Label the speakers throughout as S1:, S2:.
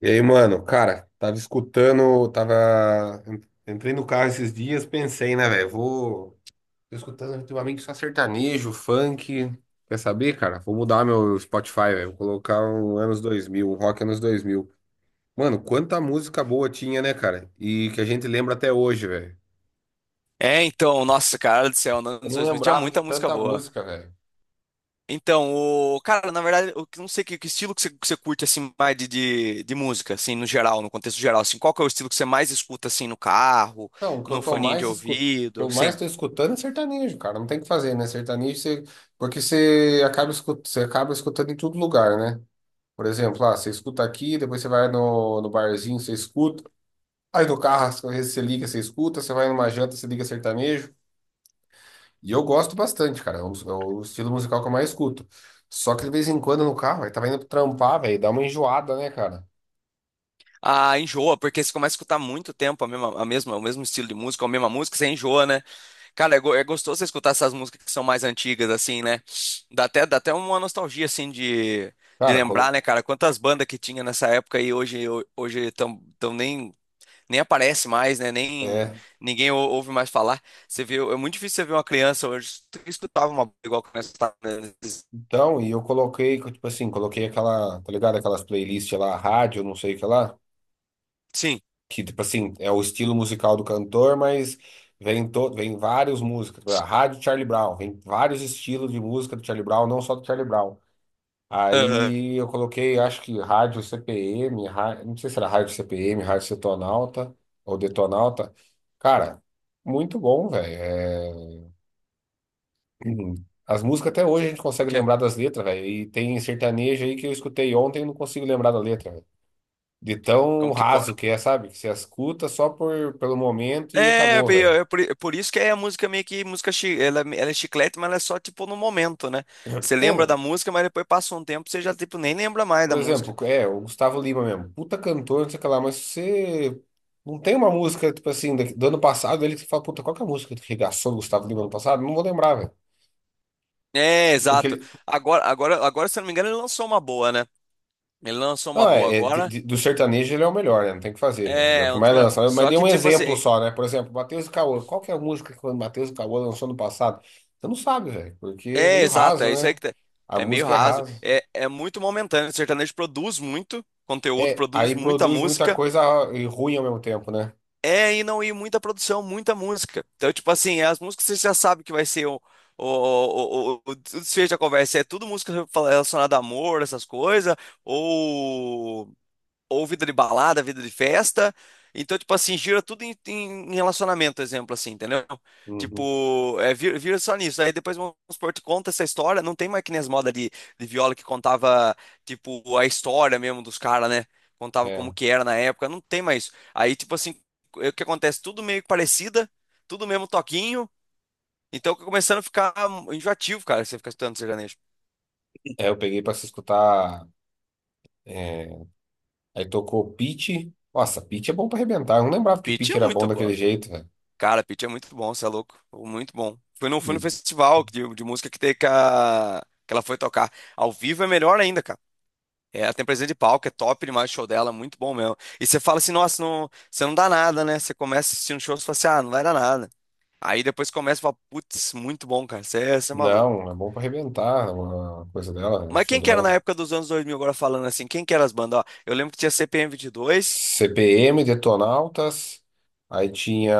S1: E aí, mano, cara, tava escutando, tava. Entrei no carro esses dias, pensei, né, velho? Vou. Tô escutando ultimamente só sertanejo, funk. Quer saber, cara? Vou mudar meu Spotify, velho. Vou colocar um anos 2000, um rock anos 2000. Mano, quanta música boa tinha, né, cara? E que a gente lembra até hoje, velho.
S2: É, então, nossa, cara do céu, nos
S1: Eu
S2: anos
S1: não
S2: 2000 tinha
S1: lembrava de
S2: muita música
S1: tanta
S2: boa.
S1: música, velho.
S2: Então, o cara, na verdade, eu não sei que estilo que que você curte assim mais de música, assim, no geral, no contexto geral, assim, qual que é o estilo que você mais escuta assim no carro,
S1: Não, o que
S2: no
S1: eu tô
S2: foninho de
S1: mais escutando.
S2: ouvido,
S1: Eu mais
S2: assim?
S1: tô escutando é sertanejo, cara. Não tem o que fazer, né? Sertanejo, você... porque você acaba, escut... você acaba escutando em todo lugar, né? Por exemplo, ah, você escuta aqui, depois você vai no barzinho, você escuta. Aí no carro, às vezes você liga, você escuta. Você vai numa janta, você liga sertanejo. E eu gosto bastante, cara. É o estilo musical que eu mais escuto. Só que de vez em quando no carro, aí tava indo trampar, velho, dá uma enjoada, né, cara?
S2: Ah, enjoa, porque você começa a escutar muito tempo o mesmo estilo de música, a mesma música, você enjoa, né? Cara, é gostoso você escutar essas músicas que são mais antigas, assim, né? Dá até uma nostalgia, assim, de
S1: Cara, colo-
S2: lembrar, né, cara? Quantas bandas que tinha nessa época e hoje tão nem aparece mais, né? Nem
S1: é.
S2: ninguém ouve mais falar. Você vê, é muito difícil você ver uma criança hoje que escutava uma banda igual que nós estávamos, né?
S1: Então, e eu coloquei, tipo assim, coloquei aquela, tá ligado? Aquelas playlists lá, rádio, não sei o que lá.
S2: Sim.
S1: Que tipo assim, é o estilo musical do cantor, mas vem todo, vem várias músicas, tipo, a rádio Charlie Brown, vem vários estilos de música do Charlie Brown, não só do Charlie Brown.
S2: Aham.
S1: Aí eu coloquei, acho que rádio CPM, não sei se era rádio CPM, rádio Setonalta ou Detonalta. Cara, muito bom, velho. É, uhum. As músicas até hoje a gente
S2: O
S1: consegue
S2: quê?
S1: lembrar das letras, velho. E tem sertanejo aí que eu escutei ontem e não consigo lembrar da letra. De tão
S2: Como que pode?
S1: raso que é, sabe? Que você escuta só por, pelo momento e
S2: É,
S1: acabou, velho.
S2: é é por, é por isso que é a música meio que música, ela é chiclete, mas ela é só tipo no momento, né? Você
S1: É,
S2: lembra da
S1: não.
S2: música, mas depois passa um tempo, você já tipo nem lembra mais
S1: Por
S2: da
S1: exemplo,
S2: música.
S1: é, o Gustavo Lima mesmo. Puta cantor, não sei o que lá, mas você. Não tem uma música, tipo assim, do ano passado, ele que fala, puta, qual que é a música que regaçou o Gustavo Lima ano passado? Não vou lembrar, velho.
S2: É,
S1: Porque
S2: exato.
S1: ele.
S2: Agora, se eu não me engano, ele lançou uma boa, né? Ele lançou uma
S1: Não,
S2: boa
S1: é, é de-
S2: agora.
S1: de- do sertanejo ele é o melhor, né? Não tem o que fazer, velho. Ele é o
S2: É,
S1: que
S2: um dos
S1: mais
S2: melhores.
S1: lança. Mas
S2: Só
S1: dei
S2: que
S1: um
S2: tipo
S1: exemplo
S2: assim,
S1: só, né? Por exemplo, Matheus e Cauã. Qual que é a música que o Matheus e Cauã lançou no passado? Você não sabe, velho. Porque é
S2: é,
S1: meio
S2: exato,
S1: raso,
S2: é isso aí
S1: né?
S2: que
S1: A
S2: é meio
S1: música é
S2: raso.
S1: rasa.
S2: É muito momentâneo. O sertanejo produz muito conteúdo,
S1: É,
S2: produz
S1: aí
S2: muita
S1: produz muita
S2: música.
S1: coisa e ruim ao mesmo tempo, né?
S2: E não ir muita produção, muita música. Então, tipo assim, as músicas você já sabe que vai ser o desfecho da conversa. É tudo música relacionada a amor, essas coisas, ou vida de balada, vida de festa. Então, tipo assim, gira tudo em relacionamento, exemplo, assim, entendeu?
S1: Uhum.
S2: Tipo, é, vira só nisso. Aí depois, vamos supor, te conta essa história. Não tem mais que nem as modas de viola que contava, tipo, a história mesmo dos caras, né? Contava
S1: É.
S2: como que era na época. Não tem mais isso. Aí, tipo assim, é o que acontece? Tudo meio que parecida, tudo mesmo toquinho. Então, começando a ficar enjoativo, cara, você ficar escutando sertanejo.
S1: É, eu peguei pra se escutar. É, aí tocou Pitty. Nossa, Pitty é bom pra arrebentar. Eu não lembrava que
S2: Pitty
S1: Pitty
S2: é
S1: era bom
S2: muito
S1: daquele
S2: boa.
S1: jeito, velho.
S2: Cara, Pitty é muito bom, você é louco. Muito bom. Fui no
S1: N-
S2: festival de música que teve, que que ela foi tocar. Ao vivo é melhor ainda, cara. É, ela tem presença de palco, é top demais o show dela, muito bom mesmo. E você fala assim, nossa, não, você não dá nada, né? Você começa assistindo shows e fala assim, ah, não vai dar nada. Aí depois começa e fala, putz, muito bom, cara, você é maluco.
S1: Não, é bom pra arrebentar. É uma coisa dela, né, o
S2: Mas
S1: show
S2: quem que era na
S1: dela.
S2: época dos anos 2000, agora falando assim, quem que era as bandas? Ó, eu lembro que tinha CPM 22,
S1: CPM, Detonautas. Aí tinha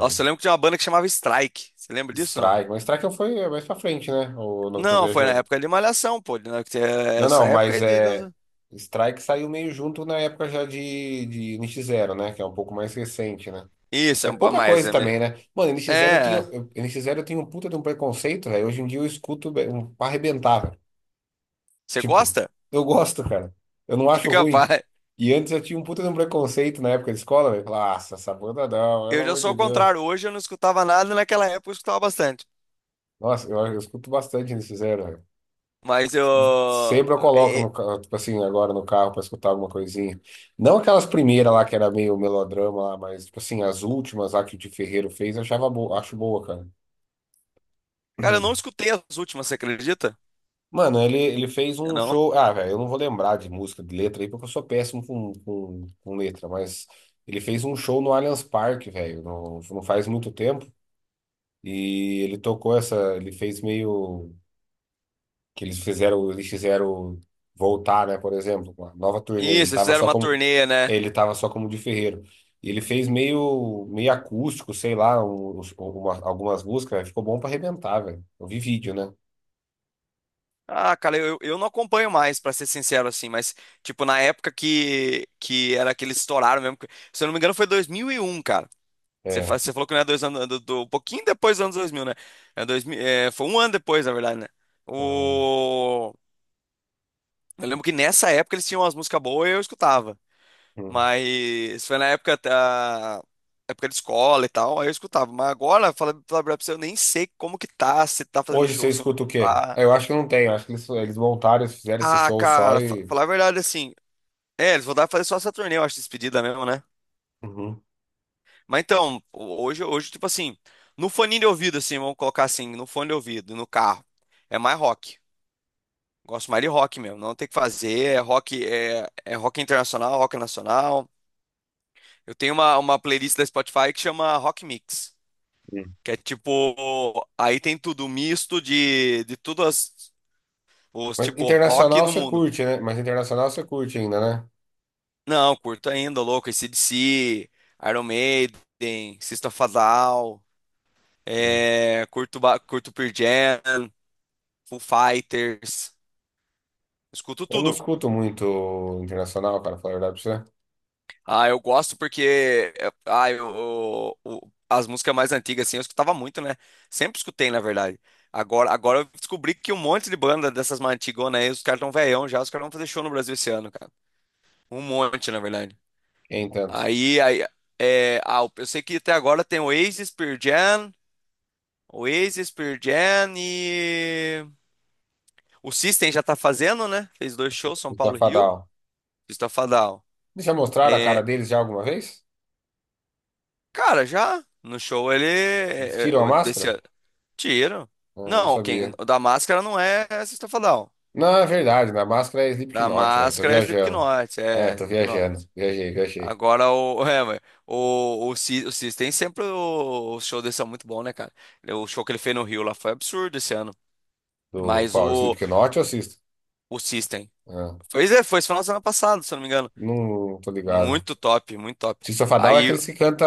S2: nossa, eu lembro que tinha uma banda que chamava Strike, você lembra disso, não?
S1: Strike. Mas Strike foi mais pra frente, né? Ou não tô
S2: Não, foi na
S1: viajando.
S2: época de Malhação, pô. Na- que é
S1: Não, não,
S2: Essa época
S1: mas
S2: aí de
S1: é.
S2: dança.
S1: Strike saiu meio junto na época já de nx Zero, né? Que é um pouco mais recente, né?
S2: Isso,
S1: É pouca coisa também, né? Mano, nx Zero eu
S2: é.
S1: tenho, NX0 eu tenho um puta de um preconceito, velho. Hoje em dia eu escuto um, pra arrebentar, velho.
S2: Você
S1: Tipo,
S2: gosta?
S1: eu gosto, cara. Eu não
S2: Que
S1: acho ruim.
S2: capaz.
S1: E antes eu tinha um puta de um preconceito na época de escola, velho. Falava, nossa, essa banda não, pelo
S2: Eu já
S1: amor
S2: sou
S1: de
S2: o
S1: Deus.
S2: contrário. Hoje eu não escutava nada, naquela época eu escutava bastante.
S1: Nossa, eu escuto bastante nx Zero, velho.
S2: Mas eu.
S1: Sempre eu coloco
S2: é,
S1: no
S2: é,
S1: carro, tipo assim, agora no carro pra escutar alguma coisinha. Não aquelas primeiras lá que era meio melodrama lá, mas tipo assim, as últimas lá que o Di Ferreiro fez, eu achava boa, acho boa, cara.
S2: Cara, eu não escutei as últimas, você acredita?
S1: Mano, ele fez
S2: Eu
S1: um
S2: não?
S1: show. Ah, velho, eu não vou lembrar de música, de letra aí, porque eu sou péssimo com letra, mas ele fez um show no Allianz Parque, velho, não, não faz muito tempo. E ele tocou essa. Ele fez meio. Que eles fizeram voltar, né, por exemplo, com a nova turnê, ele
S2: Isso, eles
S1: tava
S2: fizeram
S1: só
S2: uma
S1: como
S2: turnê, né?
S1: ele tava só como de ferreiro. E ele fez meio meio acústico, sei lá, um, algumas músicas, velho, ficou bom pra arrebentar, velho. Eu vi vídeo, né?
S2: Ah, cara, eu não acompanho mais, pra ser sincero, assim, mas, tipo, na época que era que eles estouraram mesmo. Se eu não me engano, foi 2001, cara. Você,
S1: É.
S2: fa- você falou que não é dois anos um pouquinho depois dos anos 2000, né? É 2000, é, foi um ano depois, na verdade, né?
S1: Então,
S2: O... Eu lembro que nessa época eles tinham umas músicas boas e eu escutava.
S1: hum.
S2: Mas foi na época da época de escola e tal, aí eu escutava. Mas agora, falar pra você, eu nem sei como que tá, se tá fazendo
S1: Hoje você
S2: show, se não
S1: escuta o quê?
S2: tá.
S1: Ah, eu acho que não tem, eu acho que eles montaram, eles fizeram esse
S2: Ah,
S1: show só
S2: cara,
S1: e
S2: falar a verdade assim. É, eles vão dar pra fazer só essa turnê, eu acho, despedida mesmo, né?
S1: uhum.
S2: Mas então, hoje, tipo assim, no fone de ouvido, assim, vamos colocar assim, no fone de ouvido, no carro, é mais rock. Gosto mais de rock mesmo, não tem o que fazer, é rock, é rock internacional, rock nacional. Eu tenho uma playlist da Spotify que chama Rock Mix,
S1: Hum.
S2: que é tipo, aí tem tudo misto de tudo os
S1: Mas
S2: tipo rock
S1: internacional
S2: no
S1: você
S2: mundo.
S1: curte, né? Mas internacional você curte ainda, né?
S2: Não, curto ainda, louco, AC/DC, Iron Maiden, System of a Down,
S1: Hum.
S2: é, curto, curto Pearl Jam, Foo Fighters, escuto
S1: Eu não
S2: tudo.
S1: escuto muito internacional, cara, falar a verdade pra você.
S2: Ah, eu gosto porque as músicas mais antigas assim eu escutava muito, né? Sempre escutei, na verdade. Agora, eu descobri que um monte de banda dessas mais antigonas aí, os caras tão velhão já, os caras vão fazer show no Brasil esse ano, cara. Um monte, na verdade.
S1: Nem tanto.
S2: Aí, é, eu sei que até agora tem o Oasis, Pearl Jam, Oasis, Pearl Jam e o System já tá fazendo, né? Fez dois shows, São Paulo e Rio.
S1: Esbafadal.
S2: System of a Down.
S1: Eles já mostraram a cara
S2: É,
S1: deles já alguma vez?
S2: cara, já no show ele
S1: Eles
S2: é, é,
S1: tiram a
S2: o desse
S1: máscara?
S2: tiro.
S1: Ah, não
S2: Não, quem
S1: sabia.
S2: o da máscara não é System não.
S1: Não, é verdade, na máscara é
S2: Da
S1: Slipknot, velho. Tô
S2: máscara é
S1: viajando.
S2: Slipknot,
S1: É,
S2: é
S1: tô
S2: Slipknot.
S1: viajando. Viajei, viajei.
S2: Agora o é, mas o System sempre o show desse é muito bom, né, cara? O show que ele fez no Rio lá foi absurdo esse ano.
S1: Do
S2: Mas
S1: qual?
S2: o
S1: Slipknot ou System?
S2: o System
S1: Ah,
S2: foi foi esse final de semana passado, se eu não me engano.
S1: não tô ligado.
S2: Muito top, muito top.
S1: Sisofadal é
S2: Aí
S1: aqueles que canta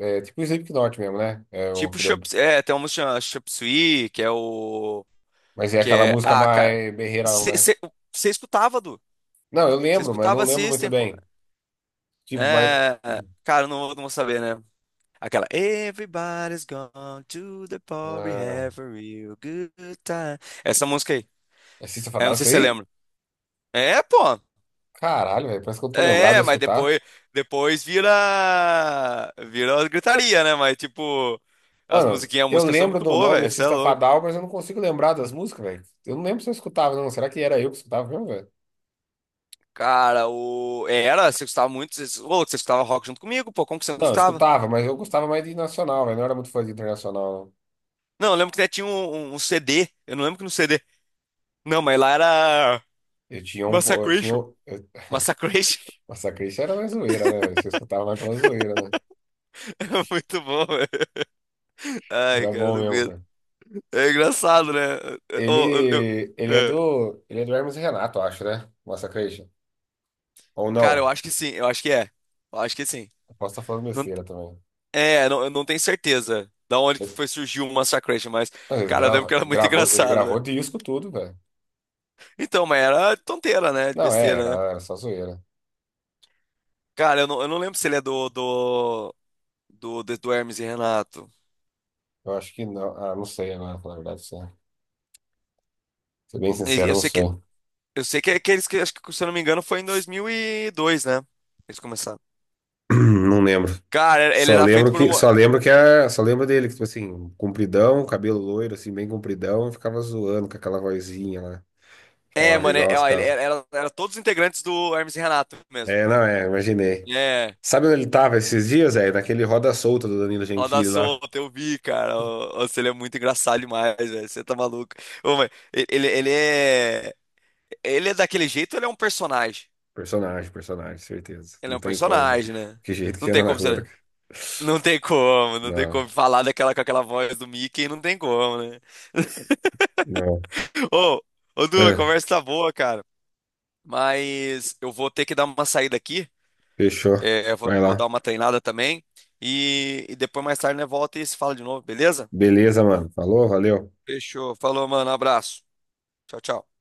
S1: é, tipo Slipknot mesmo, né? É, o
S2: tipo
S1: que-
S2: Tem uma música Chop Suey, que é o.
S1: mas é
S2: Que
S1: aquela
S2: é.
S1: música
S2: Ah, cara.
S1: mais berreirão, né?
S2: Você escutava, Du.
S1: Não, eu
S2: Você
S1: lembro, mas eu não
S2: escutava
S1: lembro muito
S2: System, porra.
S1: bem. Tipo, mas.
S2: É. é, cara, não, não vou saber, né? Aquela. Everybody's gone to the party,
S1: Ah,
S2: have a real good time. Essa música aí.
S1: é
S2: É,
S1: Sisofadal
S2: não sei
S1: isso
S2: se você
S1: aí?
S2: lembra. É, pô.
S1: Caralho, velho. Parece que eu tô lembrado de
S2: É, mas
S1: escutar.
S2: depois vira. Vira gritaria, né? Mas, tipo, as
S1: Mano,
S2: musiquinhas, a
S1: eu
S2: música são
S1: lembro
S2: muito
S1: do
S2: boa,
S1: nome
S2: velho. Você é
S1: Artista
S2: louco.
S1: Fadal, mas eu não consigo lembrar das músicas, velho. Eu não lembro se eu escutava, não. Será que era eu que escutava mesmo, velho?
S2: Cara, o. Era, você escutava muito. Ô, louco, você escutava rock junto comigo, pô. Como que você não
S1: Não, eu
S2: escutava?
S1: escutava, mas eu gostava mais de nacional, velho. Não era muito fã de internacional, não.
S2: Não, eu lembro que até tinha um CD. Eu não lembro que no CD. Não, mas lá era.
S1: Eu tinha um. Eu tinha.
S2: Massacration.
S1: Eu...
S2: Massacration.
S1: Massacre isso era mais zoeira, né, velho? Você escutava mais pela zoeira, né?
S2: É muito bom, velho. Ai,
S1: Era
S2: cara, eu
S1: bom
S2: não
S1: mesmo,
S2: aguento.
S1: cara.
S2: É engraçado, né? Eu
S1: Ele. Ele é
S2: é.
S1: do. Ele é do Hermes e Renato, eu acho, né? Massacration. Ou
S2: Cara, eu
S1: não?
S2: acho que sim. Eu acho que é. Eu acho que sim.
S1: Eu posso estar falando
S2: Não-
S1: besteira também.
S2: É, não, eu não tenho certeza da onde que
S1: Eu-
S2: foi surgiu o Massacration, mas,
S1: Mas ele
S2: cara, eu lembro que era muito
S1: gravou, ele
S2: engraçado, velho.
S1: gravou disco tudo, velho.
S2: Então, mas era tonteira, né? De
S1: Não, é, era,
S2: besteira, né?
S1: era só zoeira.
S2: Cara, eu não lembro se ele é do Hermes e Renato.
S1: Eu acho que não. Ah, não sei agora, na verdade, sim. Ser bem sincero,
S2: Eu
S1: não
S2: sei
S1: sei.
S2: que Eu sei que é aqueles que, acho que, se eu não me engano, foi em 2002, né? Eles começaram.
S1: Não lembro.
S2: Cara, era- ele era feito por uma.
S1: Só lembro que a, só lembro dele, que, tipo assim, compridão, cabelo loiro, assim, bem compridão, e ficava zoando com aquela vozinha lá.
S2: É,
S1: Falava
S2: mano, é,
S1: igual os
S2: ó, ele
S1: caras.
S2: era todos os integrantes do Hermes e Renato mesmo.
S1: É, não, é, imaginei.
S2: É,
S1: Sabe onde ele tava esses dias, é? Naquele Roda Solta do Danilo
S2: Roda
S1: Gentili lá.
S2: Solta, eu vi, cara. Ô, Você ele é muito engraçado demais, velho. Você tá maluco. Ô, mas ele é. Ele é daquele jeito, ou ele é um personagem.
S1: Personagem, personagem, certeza.
S2: Ele é
S1: Não
S2: um
S1: tem como, velho.
S2: personagem, né?
S1: Que jeito que
S2: Não tem
S1: anda na
S2: como
S1: rua, né?
S2: você. Não tem como, não tem
S1: Não,
S2: como falar daquela com aquela voz do Mickey, não tem como, né?
S1: não.
S2: Ô, ô, Du, a
S1: É,
S2: conversa tá boa, cara. Mas eu vou ter que dar uma saída aqui.
S1: fechou.
S2: É, eu vou,
S1: Vai
S2: vou
S1: lá.
S2: dar uma treinada também. E depois, mais tarde, né, volta e se fala de novo, beleza?
S1: Beleza, mano. Falou, valeu.
S2: Fechou. Falou, mano. Abraço. Tchau, tchau.